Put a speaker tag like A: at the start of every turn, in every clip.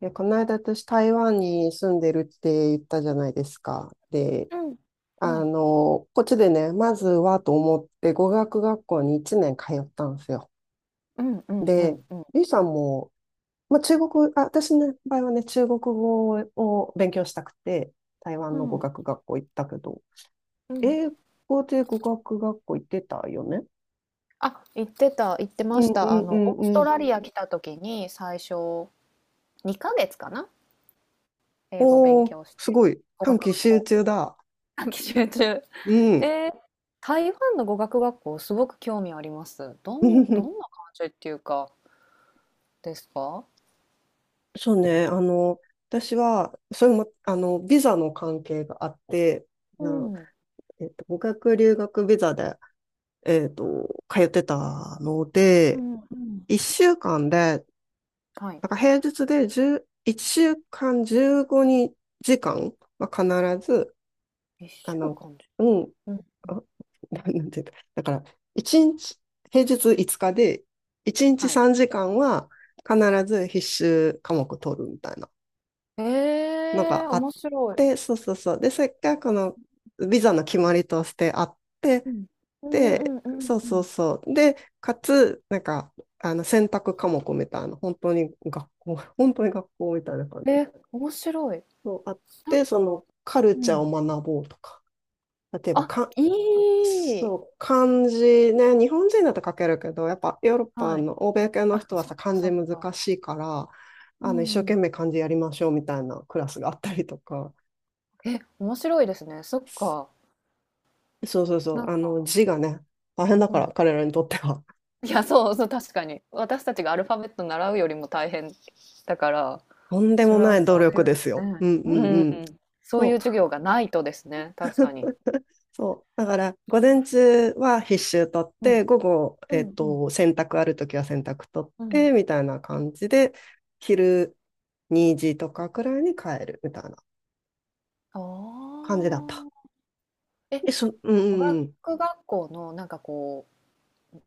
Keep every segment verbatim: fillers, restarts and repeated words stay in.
A: いや、この間私台湾に住んでるって言ったじゃないですか。で、
B: うん。は
A: あ
B: い。
A: の、こっちでね、まずはと思って語学学校にいちねん通ったんですよ。
B: うんうんう
A: で、
B: んうん。
A: ゆいさんも、まあ、中国、あ、私の場合はね、中国語を勉強したくて、台湾
B: う
A: の語
B: ん。
A: 学学校行ったけど、
B: うん。
A: 英語で語学学校行ってたよね。
B: あ、行ってた行って
A: う
B: まし
A: んう
B: た。あ
A: んう
B: の、オース
A: んう
B: ト
A: ん。
B: ラリア来た時に、最初にかげつかな、英語勉
A: おー、
B: 強し
A: す
B: て、
A: ごい。
B: 語
A: 短
B: 学
A: 期
B: 学
A: 集
B: 校
A: 中だ。
B: 短期集中。
A: う
B: え
A: ん。
B: ー、台湾の語学学校すごく興味あります。どんどんな 感じっていうか、ですか？
A: そうね、あの、私は、それも、あの、ビザの関係があって、
B: う
A: な、
B: ん。
A: えっと、語学留学ビザで、えっと、通ってたの
B: う
A: で、
B: んうん。
A: いっしゅうかんで、
B: はい。
A: なんか平日でじゅう、週間じゅうごじかんは必ず、
B: 一
A: あ
B: 週
A: の、
B: 間じ
A: うん、
B: ゅうん、
A: あ、ななんていうか、だから、いちにち、平日いつかで、いちにち
B: はい。
A: さんじかんは必ず必修科目取るみたいな
B: え
A: の
B: え、
A: があっ
B: 面白
A: て、
B: い。
A: そうそうそう。で、それがこのビザの決まりとしてあって、
B: うん。うんう
A: で、
B: んうん
A: そう
B: う
A: そう
B: ん。
A: そう。で、かつ、なんか、あの選択科目みたいな、本当に学校、本当に学校みたいな感じ。
B: え、面白い。
A: そうあっ
B: なん
A: て、そ
B: か
A: のカル
B: う
A: チャーを
B: ん。
A: 学ぼうとか、例えば
B: あ、
A: か、
B: いい。
A: そう、漢字ね、日本人だと書けるけど、やっぱヨーロッパ
B: はい。
A: の欧米系の
B: あ、
A: 人は
B: そっ
A: さ、
B: か
A: 漢
B: そ
A: 字
B: っ
A: 難
B: か。
A: しいから、
B: う
A: あの一生懸
B: ん
A: 命漢字やりましょうみたいなクラスがあったりとか、
B: え、面白いですね。そっか。
A: そうそうそう。
B: なん
A: あの、
B: か
A: 字がね、大変だ
B: う
A: か
B: んう
A: ら、
B: ん。
A: 彼らにとっては。
B: いや、そうそう、確かに。私たちがアルファベット習うよりも大変だから、
A: とんで
B: そ
A: も
B: れ
A: な
B: は
A: い努
B: そうい
A: 力ですよ。
B: う
A: うんうんう
B: ね、
A: ん。
B: うん、そういう
A: そう、
B: 授業がないとですね、確かに。
A: そう。だから、午前中は必修取っ
B: うん。
A: て、午後、
B: う
A: えっ
B: んうん。
A: と、洗濯あるときは洗濯取っ
B: うん。
A: て、みたいな感じで、昼にじとかくらいに帰る、みたいな
B: あ
A: 感じだった。
B: あ。え、
A: え、そ、うんう
B: 語
A: んう
B: 学
A: ん。
B: 学校のなんかこ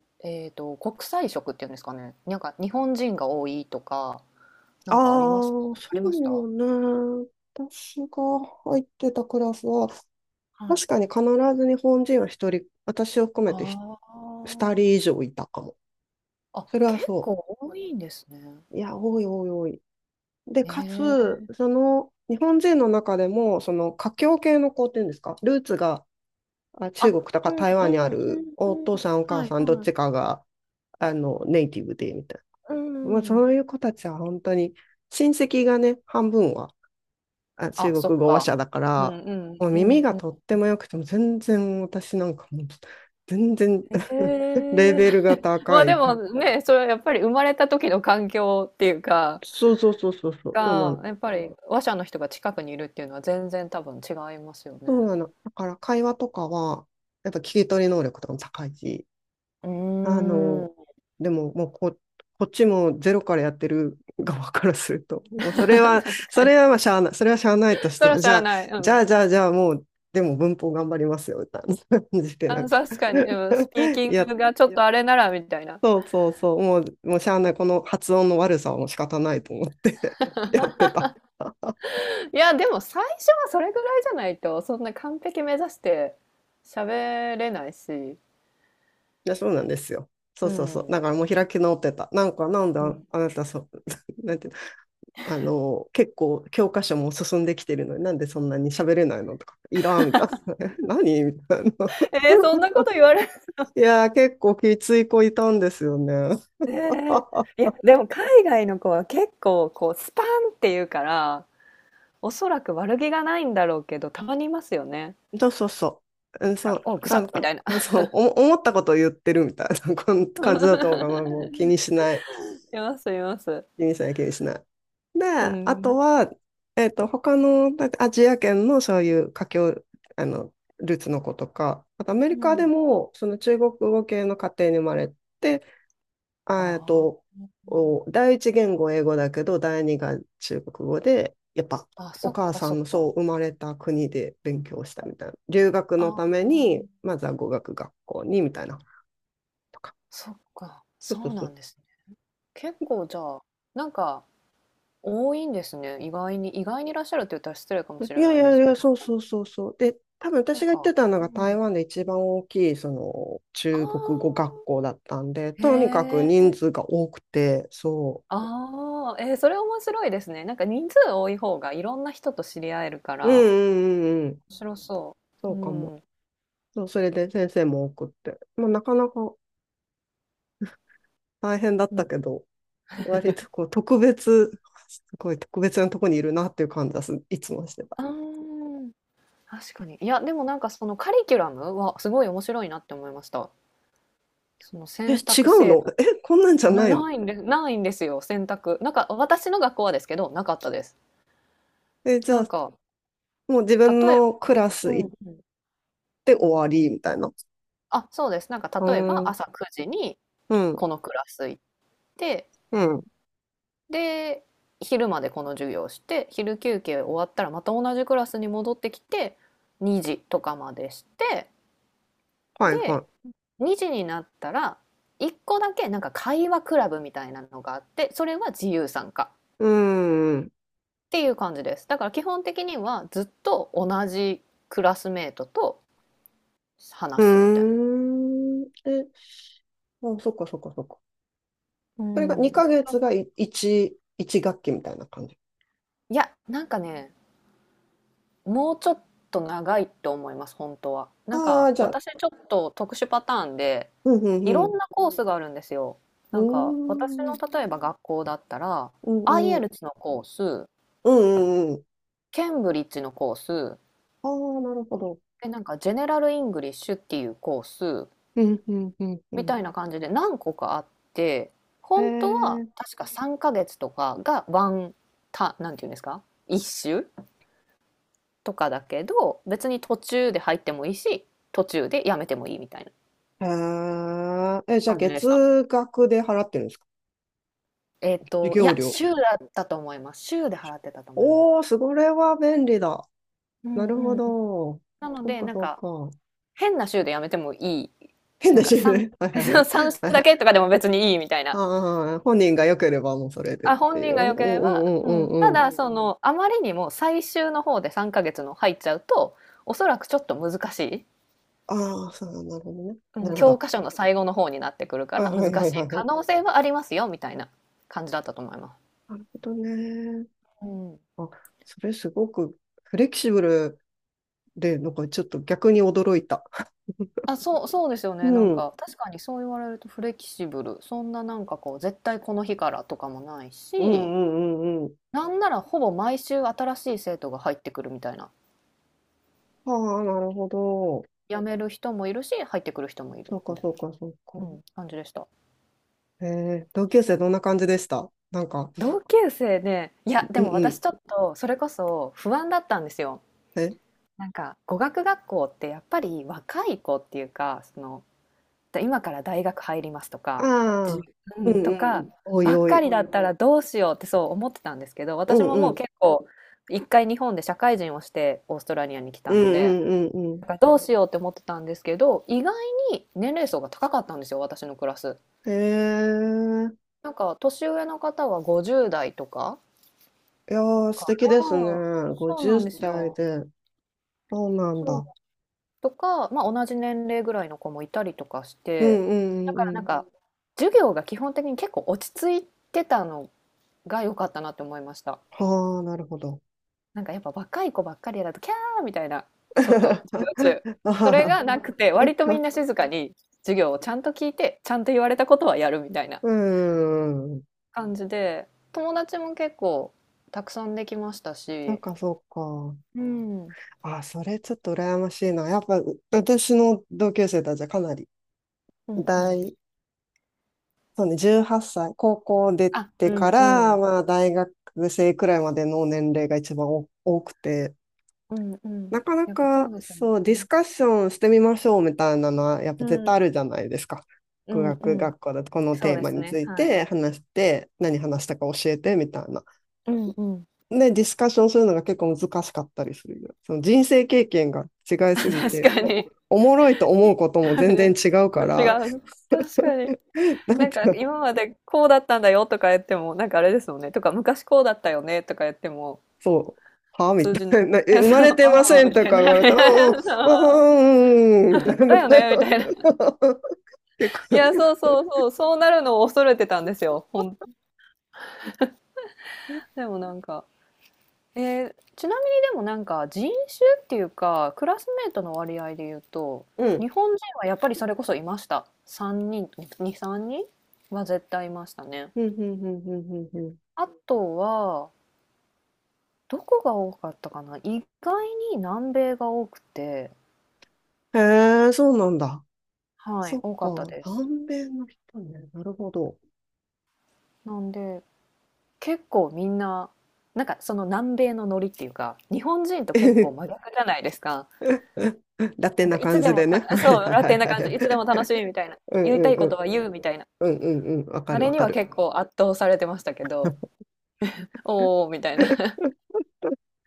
B: う、えっと、国際色っていうんですかね、なんか日本人が多いとかな
A: あ
B: んかありますか？
A: あ、
B: あ
A: そ
B: りました？は
A: うね。私が入ってたクラスは、確か
B: い。
A: に必ず日本人は一人、私を含めてひ
B: あ
A: 二人以
B: あ。
A: 上いたかも。
B: あ、
A: それは
B: 結
A: そ
B: 構多いんですね。
A: う。いや、多い多い多い。で、
B: え
A: かつ、
B: え。
A: その、日本人の中でも、その、華僑系の子っていうんですか、ルーツがあ中国
B: あ
A: と
B: う
A: か
B: ん
A: 台
B: う
A: 湾にあ
B: んう
A: る、
B: ん
A: お
B: うん。
A: 父さん、お
B: は
A: 母
B: い
A: さん、どっ
B: はい。
A: ちかが、あの、ネイティブで、みたい
B: う
A: な。まあ、
B: んうん。
A: そういう子たちは本当に、親戚がね、半分はあ中
B: あ、そっ
A: 国語話
B: か。
A: 者だか
B: うん
A: ら、
B: うん
A: もう
B: う
A: 耳
B: ん
A: が
B: う
A: とっ
B: ん。
A: ても良くても全然私なんかもう全然
B: へ
A: レ
B: え。
A: ベルが
B: ま
A: 高
B: あ、で
A: い。
B: もね、それはやっぱり生まれた時の環境っていうか、
A: そうそうそうそうそう、そうな
B: が、
A: の。
B: やっぱり話者の人が近くにいるっていうのは全然多分違いますよ
A: そう
B: ね。
A: なの。だから会話とかは、やっぱ聞き取り能力とかも高いし、
B: うー
A: あの、
B: ん。
A: でももうこ、こっちもゼロからやってる側からすると、もう それ
B: 確
A: は、そ
B: かに。
A: れはまあしゃあない、それはしゃあないとし
B: それ
A: て、
B: は知
A: じゃ
B: ら
A: あ、
B: ない。う
A: じゃ
B: ん。
A: あ、じゃあ、じゃあ、もう、でも文法頑張りますよ、みたいな感じで、な
B: あ、
A: んか
B: 確かに。うん、スピー キン
A: やっ
B: グがちょっとあれならみたいな。
A: そうそうそう。もう、もうしゃあない。この発音の悪さはもう仕方ないと思って やってた。
B: いや、でも最初はそれぐらいじゃないと、そんな完璧目指して喋れないし。
A: いや、そうなんですよ。そ
B: う
A: うそうそう。
B: ん。
A: だからもう開き直ってた。なんか、なんで
B: う
A: あ、
B: ん。
A: あなた、そう、なんていうの、あの、結構教科書も進んできてるのに、なんでそんなに喋れないのとか、いらんみたいな。何みたいな。
B: えーそんなこと言われる。
A: いやー、結構きつい子いたんですよね。
B: えーい や、でも海外の子は結構こうスパンって言うから、おそらく悪気がないんだろうけど、たまにいますよね。
A: そうそうそう。うんそ
B: なんか、
A: う、
B: おう、く
A: な
B: さっ
A: ん
B: み
A: か、
B: たいな。
A: うんそう、おも思ったことを言ってるみたいな こん感じだと思うから、ま あ、もう気にしない。
B: います、います。
A: ユニさんや気にしない。で、
B: う
A: あと
B: ん。
A: は、えっと、他のだアジア圏のそういう華僑、あの、ルーツの子とか、あとアメリ
B: う
A: カで
B: ん。
A: も、その中国語系の家庭に生まれて、あえっ
B: あ
A: と、お第一言語英語だけど、第二が中国語で、やっぱ、
B: あ。あ、
A: お
B: そっ
A: 母
B: か、
A: さ
B: そ
A: ん
B: っ
A: のそ
B: か。
A: う生まれた国で勉強したみたいな。留学
B: あ
A: のた
B: あ。
A: めに、まずは語学学校にみたいなとか。
B: そっか、
A: そ
B: そ
A: うそう
B: う
A: そ
B: な
A: う。
B: んですね。結構じゃあ、なんか多いんですね。意外に、意外にいらっしゃるって言ったら失礼かもし
A: い
B: れ
A: や
B: な
A: い
B: いで
A: やい
B: すけ
A: や、
B: ど、
A: そうそうそうそう。で、多分
B: なん
A: 私が行って
B: か、
A: たの
B: う
A: が台
B: ん。
A: 湾で一番大きいその
B: ああ、
A: 中国語学校だったんで、
B: へ
A: とにかく
B: え、
A: 人数が多くて、そ
B: ああ、えー、それ面白いですね。なんか人数多い方がいろんな人と知り合えるか
A: う。う
B: ら、
A: んうんうんうん。
B: 面白そ
A: そ
B: う。
A: うかも。
B: うん。
A: そう、それで先生も多くって。まあ、なかなか大変だっ
B: う
A: た
B: ん。
A: けど、割とこう特別、すごい特別なとこにいるなっていう感じはすいつもしてた。
B: あー確かに。いや、でもなんかそのカリキュラムはすごい面白いなって思いました。その
A: え、
B: 選
A: 違
B: 択
A: う
B: 制
A: の え、こんなんじゃ
B: 度な、
A: ないの
B: ないんです、ないんですよ、選択。なんか私の学校はですけど、なかったです。
A: え、じゃ
B: な
A: あ、
B: んか、
A: もう自分
B: 例え
A: のクラ
B: う
A: ス
B: ん
A: 行っ
B: うん。
A: て終わりみたいな。
B: あ、そうです。なんか
A: う
B: 例えば
A: ん。
B: 朝くじに
A: うん
B: このクラス行って、
A: うん。
B: で、昼までこの授業して、昼休憩終わったらまた同じクラスに戻ってきて、にじとかまでして、
A: はい
B: で、
A: は
B: にじになったら、いっこだけなんか会話クラブみたいなのがあって、それは自由参加。
A: い。うーん。
B: っていう感じです。だから基本的にはずっと同じクラスメートと
A: う
B: 話すみたい
A: ーん。え、あ、そっかそっかそっか。
B: な。う
A: それが
B: ん。
A: にかげつがい1、いち学期みたいな感じ。
B: いや、なんかね、もうちょっと長いと思います、本当は。なん
A: ああ、
B: か
A: じゃあ、
B: 私ちょっと特殊パターンで、
A: うん
B: い
A: う
B: ろ
A: ん
B: んなコースがあるんですよ。
A: う
B: なんか私の
A: ん。うーん。
B: 例えば学校だったら、
A: うんうん。
B: アイエルツ のコース、
A: うんうんうん。
B: ケンブリッジのコース、
A: ああ、なるほど。
B: で、なんかジェネラルイングリッシュっていうコース、
A: うんうんうんう
B: み
A: ん。
B: たいな感じで何個かあって、
A: へ
B: 本当は
A: え。
B: 確かさんかげつとかがワンタなんていうんですか、一周とかだけど、別に途中で入ってもいいし、途中でやめてもいいみたいな
A: へえ。え、じゃあ
B: 感じでした。
A: 月額で払ってるんですか
B: えっ
A: 授
B: と、い
A: 業
B: や、
A: 料。
B: 週だったと思います。週で払ってたと思います。
A: おー、それは便利だ。
B: う
A: な
B: んう
A: るほ
B: んうん。
A: ど。
B: なの
A: そう
B: で、
A: か
B: なん
A: そう
B: か、
A: か。
B: 変な週でやめてもいい、
A: 変
B: なん
A: だ
B: か
A: し
B: さん、
A: ね。はいはい
B: さん 週
A: は
B: だ
A: い。
B: けとかでも別にいいみたいな
A: ああ、本人が良ければもうそれでっ
B: あ、
A: て
B: 本
A: い
B: 人
A: う。う
B: が
A: ん
B: 良けれ
A: うん
B: ば、
A: うん
B: うん。
A: うん
B: た
A: うん。
B: だ、その、あまりにも最終の方でさんかげつの入っちゃうと、おそらくちょっと難しい、
A: ああ、そう、なるほどね。
B: う
A: な
B: ん、
A: るほ
B: 教
A: ど。
B: 科書の最後の方になってくるか
A: あ、
B: ら難
A: はいはい
B: し
A: は
B: い
A: いは
B: 可
A: い。
B: 能性はありますよみたいな感じだったと思います。
A: なるほどね。
B: うん。
A: あ、それすごくフレキシブルで、なんかちょっと逆に驚いた。
B: あ、そうそうですよ
A: う
B: ね。なん
A: ん。うん
B: か、確かにそう言われるとフレキシブル。そんななんかこう、絶対この日からとかもない
A: うん
B: し、
A: うんうん。
B: なんならほぼ毎週新しい生徒が入ってくるみたいな。
A: ああ、なるほど。
B: 辞める人もいるし、入ってくる人もい
A: そ
B: る
A: う
B: み
A: か
B: たい
A: そうかそう
B: な、
A: か。
B: うん、感じでした。
A: ええ同級生どんな感じでしたなんか、
B: 同級生ね、いや、で
A: うん
B: も
A: う
B: 私
A: ん。
B: ちょっとそれこそ不安だったんですよ。
A: え
B: なんか語学学校ってやっぱり若い子っていうか、その今から大学入りますと
A: あ
B: か、じゅ
A: あ、
B: う
A: うん
B: ん、と
A: う
B: か
A: ん。おい
B: ばっ
A: お
B: か
A: い。
B: りだったらどうしようってそう思ってたんですけど、
A: う
B: 私
A: ん
B: も
A: う
B: もう
A: ん。
B: 結構一回日本で社会人をしてオーストラリアに来
A: う
B: た
A: ん
B: ので、
A: うんうん
B: だからどうしようって思ってたんですけど、意外に年齢層が高かったんですよ、私のクラス。
A: うん。へえ。
B: なんか年上の方はごじゅう代とか。
A: いやー、素
B: か
A: 敵
B: ら、
A: です
B: そ
A: ね。
B: うな
A: ごじゅう
B: んです
A: 代
B: よ。
A: で。そうなん
B: そう。
A: だ。
B: とか、まあ、同じ年齢ぐらいの子もいたりとかし
A: う
B: て、
A: んう
B: だ
A: んう
B: か
A: ん
B: ら
A: う
B: なん
A: ん。
B: か、授業が基本的に結構落ち着いてたのが良かったなって思いました。
A: はあ、なるほど。
B: なんかやっぱ若い子ばっかりだと、キャーみたいな、ちょっと授業中、
A: あ
B: そ
A: は
B: れ
A: は
B: がなくて、割とみんな静かに授業をちゃんと聞いて、ちゃんと言われたことはやるみたいな
A: うん。
B: 感じで、友達も結構たくさんできました
A: なん
B: し、
A: かそうか。
B: うん、うん
A: あ、それちょっと羨ましいな。やっぱ、う私の同級生たちはかなり
B: うん。
A: 大、そうね、じゅうはっさい、高校出
B: あ、
A: て
B: うん
A: か
B: う
A: ら、
B: ん
A: まあ、大学生くらいまでの年齢が一番お多くて、
B: うんうん。
A: なかな
B: やっぱそ
A: か、
B: うですよ
A: そう、ディス
B: ね。
A: カッションしてみましょうみたいなのは、やっぱ
B: う
A: 絶対
B: ん、
A: あるじゃないですか。
B: う
A: 語
B: んう
A: 学
B: ん。
A: 学校だとこの
B: そう
A: テー
B: で
A: マ
B: す
A: につ
B: ね、
A: い
B: はい。
A: て話して、何話したか教えてみたいな。
B: うんうん。
A: で、ディスカッションするのが結構難しかったりする。その人生経験が違いすぎ
B: 確
A: て、
B: か
A: お、
B: に。
A: おもろいと思うこと も
B: うん、違
A: 全然
B: ね
A: 違うか
B: う。
A: ら、
B: 確かに。
A: な
B: な
A: ん
B: ん
A: か、
B: か今までこうだったんだよとか言っても、なんかあれですもんね、とか昔こうだったよねとか言っても、
A: そう、はみ
B: 通じない。
A: たいな、え、
B: あ、
A: 生ま
B: そう、
A: れてま
B: あ
A: せ
B: あ、
A: ん
B: み
A: と
B: たい
A: か言
B: な。
A: われたら、うんう ん、うんうん、うんうん
B: そ
A: みたい
B: う、
A: な。
B: だよねみたいな。
A: 結
B: い
A: 構、
B: や、そうそうそう、そうなるのを恐れてたんですよ、ほんでもなんかえーちなみにでもなんか人種っていうかクラスメートの割合で言うと
A: うん。
B: 日本人はやっぱりそれこそいましたさんにんに、さんにんは絶対いましたね
A: うん、うん、うん、うん、うん。うん
B: あとはどこが多かったかな意外に南米が多くて
A: へえ、そうなんだ。
B: はい
A: そっ
B: 多かった
A: か、
B: です
A: 南米の人ね。なるほど。
B: なんで結構みんななんかその南米のノリっていうか日本人と結構真 逆じゃないですか
A: ラテ
B: な
A: ン
B: んか
A: な
B: い
A: 感
B: つで
A: じ
B: も
A: でね。
B: た
A: はい
B: そう
A: はい
B: ラ
A: は
B: テン
A: い
B: な
A: は
B: 感じいつで
A: い。
B: も楽しいみたいな
A: うん
B: 言いたい
A: うんう
B: こと
A: ん。
B: は言うみたいな
A: うんうんうん。わか
B: あ
A: る
B: れ
A: わ
B: に
A: か
B: は
A: る。
B: 結構圧倒されてましたけど、おーみたいな。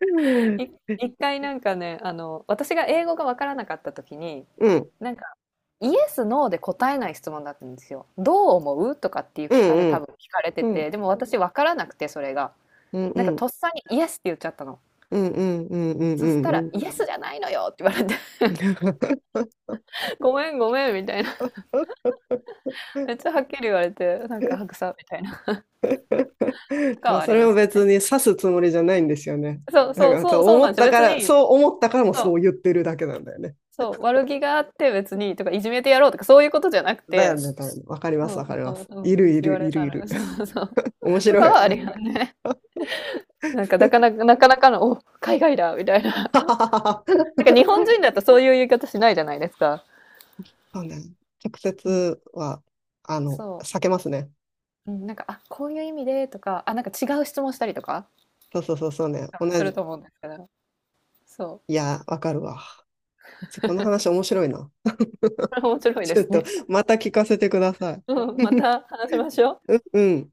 A: う ん、
B: い一回なんかね、あの、私が英語がわからなかった時に、
A: うん、
B: なんか、イエス、ノーで答えない質問だったんですよ。どう思うとかっていう
A: う
B: 聞かれ、
A: ん、う
B: 多分
A: ん、
B: 聞かれて
A: うん、
B: て、でも私わからなくて、それが。
A: うん、う
B: なんか
A: ん、
B: とっさにイエスって言っちゃったの。
A: うん、うん、うん、う
B: そした
A: ん
B: ら、
A: うん。
B: イエスじゃないのよって言われて、ごめんごめんみたいな。めっちゃはっきり言われて、なんか白さみたいな。とか
A: まあ、
B: はあ
A: そ
B: り
A: れ
B: ま
A: も
B: した
A: 別に
B: ね。
A: 指すつもりじゃないんですよね。
B: そう
A: だか
B: そう
A: ら、
B: そ
A: そ
B: う、
A: う
B: そう
A: 思
B: なん
A: っ
B: ですよ。
A: たか
B: 別
A: ら、
B: に、
A: そう思ったからも
B: そ
A: そう
B: う。
A: 言ってるだけなんだよね。
B: そう、悪気があって別にとか、いじめてやろうとか、そういうことじゃなく
A: だよ
B: て、
A: ね、だよね。わかります、
B: そ
A: わか
B: う
A: りま
B: そう、
A: す。
B: う
A: いる、
B: ん、
A: い
B: 言わ
A: る、い
B: れ
A: る、
B: た
A: い
B: ら、
A: る。
B: そうそう。
A: 面
B: と
A: 白
B: か
A: い。
B: はありがね。なんか、なかなか、なかなかの、お、海外だみたいな。なんか日本人だとそういう言い方しないじゃないですか。
A: そうね。直
B: うん。
A: 接は、あの、
B: そ
A: 避けますね。
B: う。うん、なんか、あ、こういう意味でとか、あ、なんか違う質問したりとか、
A: そうそうそうそうね。
B: 多
A: 同
B: 分する
A: じ。
B: と思うんですけど、そ
A: いや、わかるわ。ちょこの話面白いな。
B: う。これ面白いで
A: ちょっ
B: す
A: と、
B: ね。
A: また聞かせてください。
B: うん、また話し ましょう。
A: うん、うん。